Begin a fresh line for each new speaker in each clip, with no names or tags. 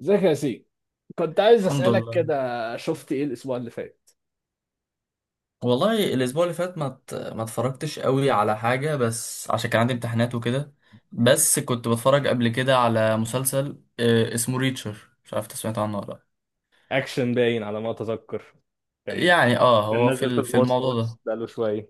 ازيك يا سي، كنت عايز
الحمد
اسالك
لله.
كده. شفت ايه الاسبوع اللي فات؟
والله الاسبوع اللي فات ما اتفرجتش قوي على حاجه، بس عشان كان عندي امتحانات وكده. بس كنت بتفرج قبل كده على مسلسل اسمه ريتشر، مش عارف انت سمعت عنه ولا لا.
اكشن باين على ما اتذكر. كان،
يعني اه
كان
هو
نازل في
في الموضوع
المواصلات
ده.
بقاله شويه.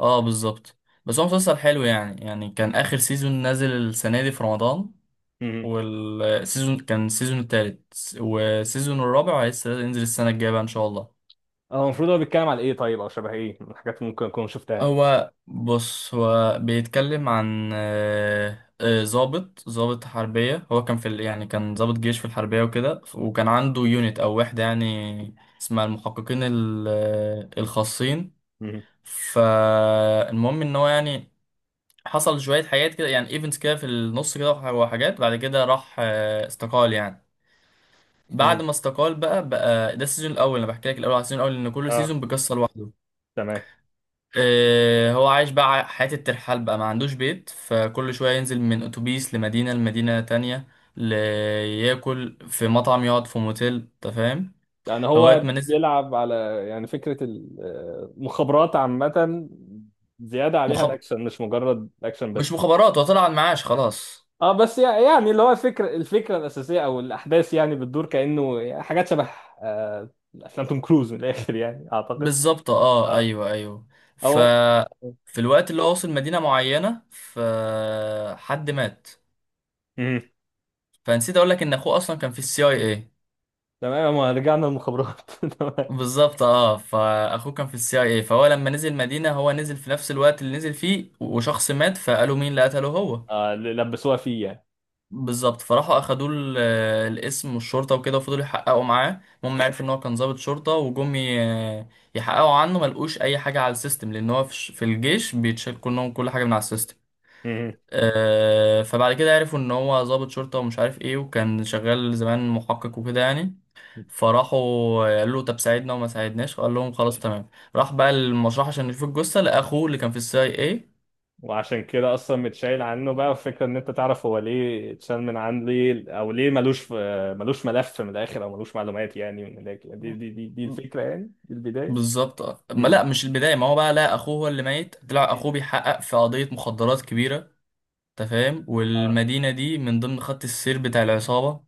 اه بالظبط. بس هو مسلسل حلو يعني، كان اخر سيزون نازل السنه دي في رمضان،
مهم.
والسيزون كان السيزون التالت، والسيزون الرابع لسه ينزل السنه الجايه بقى ان شاء الله.
هو المفروض هو بيتكلم على ايه طيب، او شبه ايه من الحاجات اللي ممكن اكون شفتها؟
هو بص، هو بيتكلم عن ضابط حربية. هو كان يعني كان ضابط جيش في الحربية وكده، وكان عنده يونت أو وحدة يعني، اسمها المحققين الخاصين.
مهم.
فالمهم إن هو يعني حصل شوية حاجات كده، يعني ايفنتس كده في النص كده، وحاجات بعد كده راح استقال يعني.
مهم.
بعد ما استقال بقى، ده السيزون الأول، أنا بحكي لك الأول على السيزون الأول، إن كل
اه،
سيزون بقصة لوحده.
تمام.
هو عايش بقى حياة الترحال بقى، ما عندوش بيت، فكل شوية ينزل من أتوبيس لمدينة لمدينة تانية، ل- ياكل في مطعم، يقعد في موتيل، أنت فاهم.
يعني
لغاية
هو
ما نزل.
بيلعب على، يعني فكره المخابرات عامه، زياده عليها
مخب...
الاكشن مش مجرد اكشن
مش
بس.
مخابرات، هو طلع على المعاش خلاص.
اه بس يعني اللي هو الفكره، الفكره الاساسيه او الاحداث يعني بتدور كانه حاجات شبه آه، افلام توم كروز من الاخر يعني اعتقد.
بالظبط اه،
اه.
ايوه ايوه. ف
او
في الوقت اللي هو وصل مدينة معينة، فحد مات.
مم.
فنسيت اقول لك ان اخوه اصلا كان في السي اي اي.
تمام، ما رجعنا المخابرات تمام.
بالظبط اه، فاخوه كان في السي اي اي، فهو لما نزل مدينه، هو نزل في نفس الوقت اللي نزل فيه، وشخص مات، فقالوا مين اللي قتله هو.
آه، اللي لبسوها فيه يعني.
بالظبط. فراحوا اخدوا الاسم والشرطه وكده، وفضلوا يحققوا معاه. المهم عرفوا ان هو كان ضابط شرطه، وجم يحققوا عنه ما لقوش اي حاجه على السيستم، لان هو في الجيش بيتشال كلهم كل حاجه من على السيستم.
مم.
فبعد كده عرفوا ان هو ضابط شرطة ومش عارف ايه، وكان شغال زمان محقق وكده يعني. فراحوا قالوا له طب ساعدنا، وما ساعدناش قال لهم خلاص تمام. راح بقى المشرحة عشان يشوف الجثة لأخوه اللي كان في السي اي اي.
وعشان كده اصلا متشايل عنه، بقى الفكره ان انت تعرف هو ليه اتشال من عن ليه، او ليه ملوش في، ملوش ملف من الاخر، او ملوش معلومات يعني من الاخر. دي الفكره يعني، دي البدايه.
بالظبط آه. ما
مم.
لا مش البداية، ما هو بقى لا، أخوه هو اللي ميت، طلع أخوه بيحقق في قضية مخدرات كبيرة. أنت فاهم، والمدينة دي من ضمن خط السير بتاع العصابة.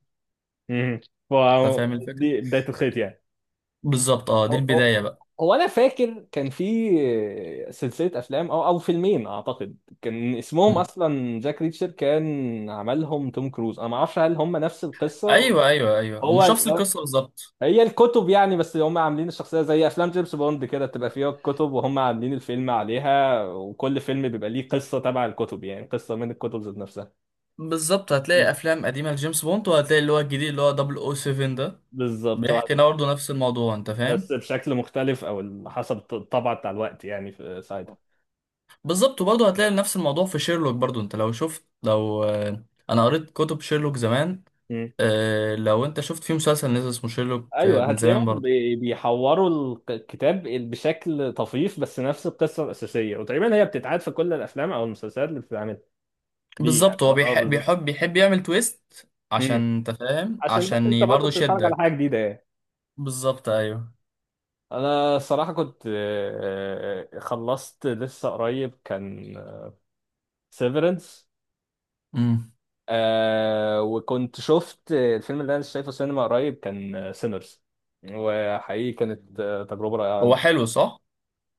مم. ف،
أنت فاهم الفكرة.
دي بدايه الخيط يعني.
بالظبط اه، دي
هو
البداية
هو-
بقى.
هو انا فاكر كان في سلسله افلام او فيلمين اعتقد، كان اسمهم
م.
اصلا جاك ريتشر، كان عملهم توم كروز، انا ما اعرفش هل هم نفس القصه ولا.
أيوه أيوه أيوه، ومش
هو
نفس القصة بالظبط.
هي الكتب يعني، بس هم عاملين الشخصيه زي افلام جيمس بوند كده، بتبقى فيها الكتب وهم عاملين الفيلم عليها، وكل فيلم بيبقى ليه قصه تبع الكتب، يعني قصه من الكتب ذات نفسها.
بالظبط، هتلاقي
مم.
افلام قديمه لجيمس بوند، وهتلاقي اللي هو الجديد اللي هو 007 ده،
بالظبط.
بيحكي برضه نفس الموضوع انت فاهم.
بس بشكل مختلف، او حسب الطبع بتاع الوقت يعني، في
بالظبط، وبرضه
ساعتها.
هتلاقي نفس الموضوع في شيرلوك برضه. انت لو شفت، لو انا قريت كتب شيرلوك زمان، لو انت شفت في مسلسل نزل اسمه شيرلوك
ايوه
من زمان
هتلاقيهم
برضه.
بيحوروا الكتاب بشكل طفيف، بس نفس القصه الاساسيه، وتقريبا هي بتتعاد في كل الافلام او المسلسلات اللي بتتعمل ليه يعني.
بالظبط. هو
اه
بيحب
بالظبط.
بيحب يعمل تويست
مم.
عشان انت فاهم،
عشان بس انت
عشان
برضه
برضه
بتتفرج على حاجه
يشدك.
جديده يعني.
بالظبط ايوه.
انا الصراحه كنت، خلصت لسه قريب كان سيفرنس،
امم
وكنت شفت الفيلم اللي انا شايفه سينما قريب كان سينرز، وحقيقي كانت تجربه رائعه.
هو حلو صح.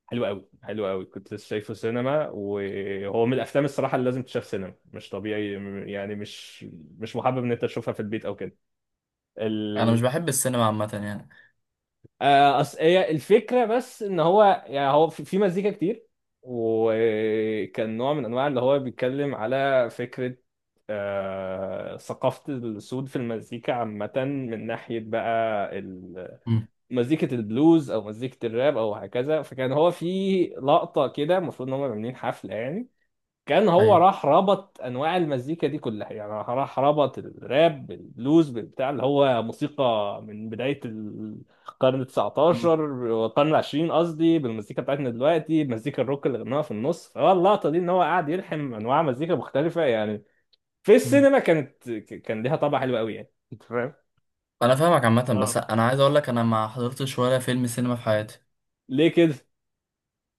حلو قوي، حلو قوي. كنت لسه شايفه سينما، وهو من الافلام الصراحه اللي لازم تشاف سينما، مش طبيعي. يعني مش، مش محبب ان انت تشوفها في البيت او كده.
انا
ال...
مش بحب السينما عامه يعني.
هي الفكره بس ان هو يعني، هو في في مزيكا كتير، وكان نوع من انواع اللي هو بيتكلم على فكره ثقافة السود في المزيكا عامة، من ناحية بقى
امم
مزيكة البلوز أو مزيكة الراب أو هكذا. فكان هو في لقطة كده المفروض إن هم عاملين حفلة يعني، كان هو
ايوه.
راح ربط انواع المزيكا دي كلها، يعني راح ربط الراب بالبلوز بتاع اللي هو موسيقى من بدايه القرن ال 19 والقرن ال 20، قصدي بالمزيكا بتاعتنا دلوقتي مزيكا الروك اللي غناها في النص. فهو اللقطه دي ان هو قاعد يلحم انواع مزيكا مختلفه يعني. في
مم.
السينما كانت كان ليها طابع حلو قوي يعني، انت فاهم؟
انا فاهمك عامه،
اه.
بس انا عايز اقول لك انا ما حضرتش ولا فيلم سينما في حياتي.
ليه كده؟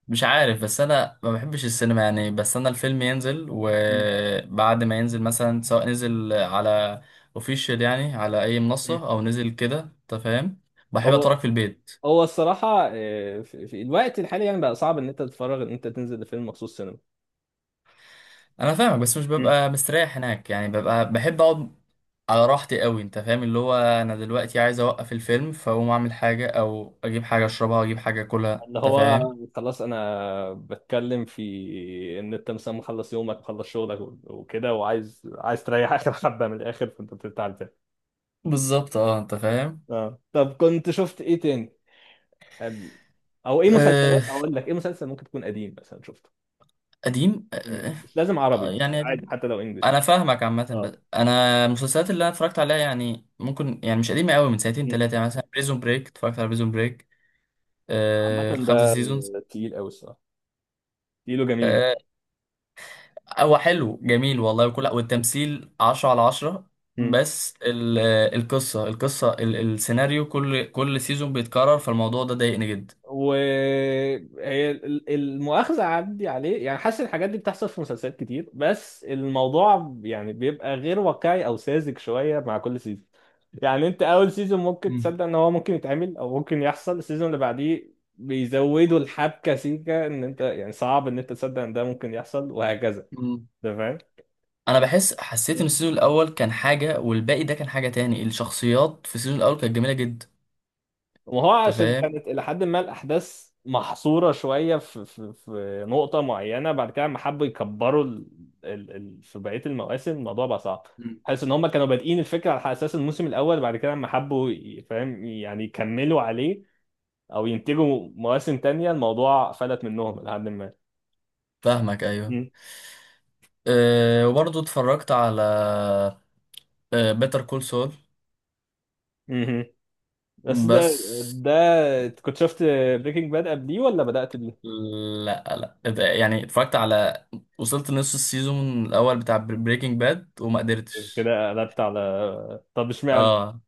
مش عارف، بس انا ما بحبش السينما يعني. بس انا الفيلم ينزل،
مم.
وبعد ما ينزل مثلا سواء نزل على اوفيشال يعني، على اي
مم.
منصه، او نزل كده انت فاهم، بحب
هو،
اتفرج في البيت.
هو الصراحه في في الوقت الحالي يعني بقى صعب ان انت تتفرج، ان انت تنزل لفيلم مخصوص سينما.
انا فاهمك، بس مش ببقى مستريح هناك يعني، ببقى بحب اقعد على راحتي قوي انت فاهم. اللي هو انا دلوقتي عايز اوقف الفيلم، فاقوم اعمل حاجه، او اجيب حاجه اشربها واجيب حاجه اكلها،
اللي
انت
هو
فاهم.
خلاص انا بتكلم في ان انت مثلا مخلص يومك، مخلص شغلك وكده، وعايز، عايز تريح اخر حبه من الاخر، فانت بتفتح الفيلم.
بالظبط اه، انت فاهم.
اه طب كنت شفت ايه تاني؟ أم- او ايه مسلسلات؟ اقول لك ايه مسلسل ممكن تكون قديم مثلا شفته؟
قديم
مم. مش لازم عربي، بس
يعني
عادي
قديم.
حتى لو انجلش.
انا فاهمك عامه،
اه.
بس انا المسلسلات اللي انا اتفرجت عليها يعني، ممكن يعني مش قديمه قوي، من سنتين
مم.
ثلاثه يعني. مثلا بريزون بريك، اتفرجت على بريزون بريك. آه
عامة
الخمسه
ده
سيزونز.
تقيل قوي الصراحه، تقيل وجميل.
آه، هو حلو جميل
مم.
والله، وكل والتمثيل 10 على 10.
مم.
بس القصه السيناريو، كل سيزون بيتكرر، فالموضوع ده ضايقني جدا.
وهي المؤاخذة عندي عليه يعني، حاسس الحاجات دي بتحصل في مسلسلات كتير، بس الموضوع يعني بيبقى غير واقعي او ساذج شوية مع كل سيزون. يعني انت اول سيزون ممكن
مم.
تصدق ان هو ممكن يتعمل او ممكن يحصل، السيزون اللي بعديه بيزودوا الحبكة سيكة ان انت يعني صعب ان انت تصدق ان ده ممكن يحصل، وهكذا.
مم.
انت فاهم؟
انا بحس، حسيت ان السيزون الاول كان حاجه، والباقي ده كان حاجه تاني. الشخصيات في السيزون الاول كانت جميله جدا،
وهو
انت
عشان
فاهم.
كانت إلى حد ما الأحداث محصورة شوية في في في نقطة معينة، بعد كده لما حبوا يكبروا في بقية المواسم الموضوع بقى صعب. حاسس إن هما كانوا بادئين الفكرة على أساس الموسم الأول، بعد كده لما حبوا فاهم يعني يكملوا عليه أو ينتجوا مواسم تانية، الموضوع فلت منهم إلى حد ما.
فاهمك ايوه.
م-
أه وبرضه اتفرجت على أه بيتر كول سول.
مهم. بس ده،
بس
ده كنت شفت بريكنج باد قبليه ولا بدأت بيه؟
لا، لا يعني اتفرجت على، وصلت نص السيزون الاول بتاع بريكنج باد وما قدرتش.
كده قلبت على طب اشمعنى؟
اه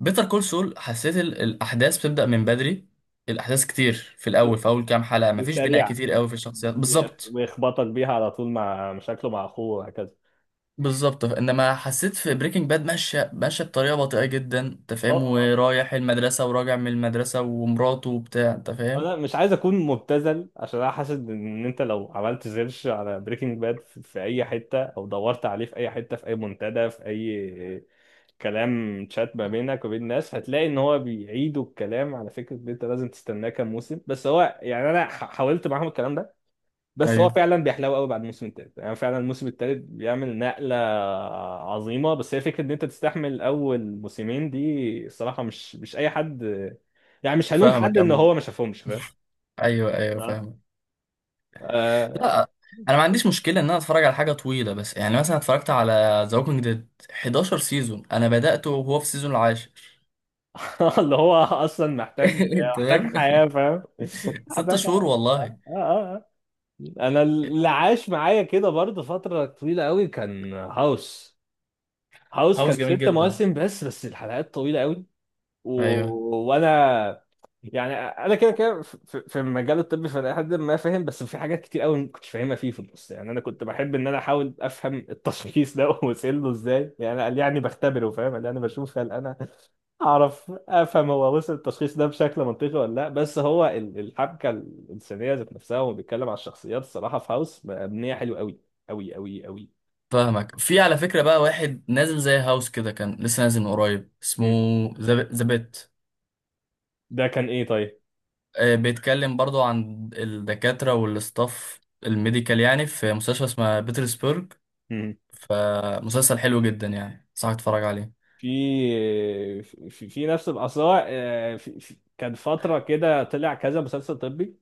بيتر كول سول حسيت الاحداث بتبدأ من بدري، الاحداث كتير في الاول، في اول كام حلقة مفيش بناء
وسريعا،
كتير قوي في الشخصيات بالظبط.
ويخبطك بيها على طول مع مشاكله مع اخوه وهكذا.
بالظبط، انما حسيت في بريكنج باد ماشيه بطريقه بطيئه جدا انت
أه،
فاهم،
أه،
ورايح المدرسه وراجع من المدرسه، ومراته وبتاع، انت فاهم.
انا مش عايز اكون مبتذل، عشان انا حاسس ان انت لو عملت سيرش على بريكنج باد في في اي حته، او دورت عليه في اي حته في اي منتدى، في اي كلام تشات ما بينك وبين الناس، هتلاقي ان هو بيعيدوا الكلام على فكره ان انت لازم تستناه كام موسم. بس هو يعني انا حاولت معاهم الكلام ده، بس
ايوه
هو فعلا بيحلو قوي بعد الموسم الثالث، يعني فعلا الموسم الثالث بيعمل نقله عظيمه. بس هي فكره ان انت تستحمل اول موسمين دي، الصراحه مش، مش اي حد. يعني مش هلوم حد
فاهمك.
ان هو ما شافهمش، فاهم؟
ايوه ايوه
آه.
فاهمك.
آه.
لا، انا ما عنديش مشكله ان انا اتفرج على حاجه طويله. بس يعني مثلا اتفرجت على ذا ووكينج ديد 11 سيزون، انا بدأته وهو في السيزون العاشر.
اللي هو اصلا محتاج، محتاج
تمام.
حياه فاهم.
ست
محتاج
شهور
حياه.
والله.
آه آه آه. انا اللي عاش معايا كده برضه فتره طويله قوي كان هاوس. هاوس
هاوس
كان
جميل
ست
جدا.
مواسم بس، بس الحلقات طويله قوي. و...
ايوه
وانا يعني، انا كده كده في في المجال الطبي، فانا لحد ما فاهم، بس في حاجات كتير قوي ما كنتش فاهمها فيه في النص. يعني انا كنت بحب ان انا احاول افهم التشخيص ده وصل له ازاي، يعني قال يعني بختبره فاهم، قال يعني بشوف هل انا اعرف افهم هو وصل التشخيص ده بشكل منطقي ولا لا. بس هو الحبكه الانسانيه ذات نفسها، وهو بيتكلم على الشخصيات الصراحه في هاوس مبنيه حلو قوي، قوي.
فاهمك. في على فكره بقى واحد نازل زي هاوس كده، كان لسه نازل من قريب، اسمه
مم.
ذا بيت.
ده كان ايه طيب؟
بيتكلم برضو عن الدكاتره والاستاف الميديكال يعني، في مستشفى اسمها بيترسبرغ. فمسلسل حلو جدا يعني، صح اتفرج عليه.
في في, في نفس الأثار في... في... كان فترة كده طلع كذا مسلسل طبي،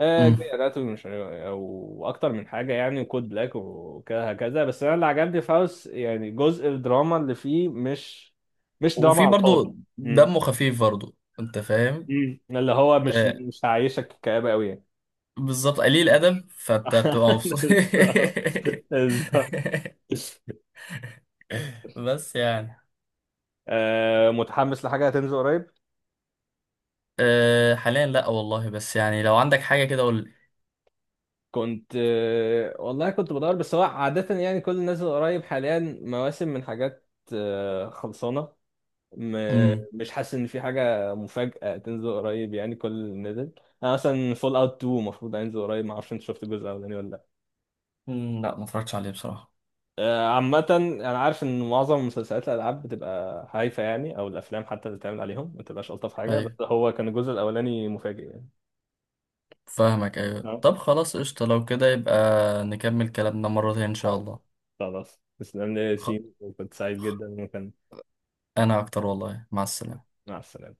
مم.
جاي اناتومي، مش عارف، او اكتر من حاجه يعني، كود بلاك وكذا هكذا. بس انا اللي عجبني في هاوس يعني جزء الدراما اللي فيه، مش، مش دراما
وفي
على الفاضي.
برضو
مم.
دمه خفيف برضو، انت فاهم.
مم. اللي هو مش،
آه
مش هعيشك كآبة قوي يعني.
بالظبط، قليل
مم.
ادب، فانت بتبقى مبسوط.
بالظبط، بالظبط.
بس يعني.
متحمس لحاجه هتنزل قريب؟
آه حاليا لا والله، بس يعني لو عندك حاجه كده قول لي.
كنت، والله كنت بدور، بس هو عادة يعني كل اللي نازل قريب حاليا مواسم من حاجات خلصانة.
مم.
مش حاسس إن في حاجة مفاجأة تنزل قريب، يعني كل اللي نزل. أنا مثلا فول أوت 2 المفروض هينزل قريب، معرفش أنت شفت الجزء الأولاني ولا لأ.
مم، لا ما اتفرجتش عليه بصراحه.
عامة أنا عارف إن معظم مسلسلات الألعاب بتبقى هايفة يعني، أو الأفلام حتى اللي بتعمل عليهم ما بتبقاش ألطف حاجة، بس
ايوه
هو كان الجزء الأولاني مفاجئ يعني.
فاهمك ايوه.
أه.
طب خلاص قشطه، لو كده يبقى نكمل كلامنا مره تانية ان شاء الله.
خلاص، تسلم لي يا
خ...
ياسين، وكنت سعيد
خ-
جدا، وكان،
انا اكتر والله، مع السلامه.
مع السلامة.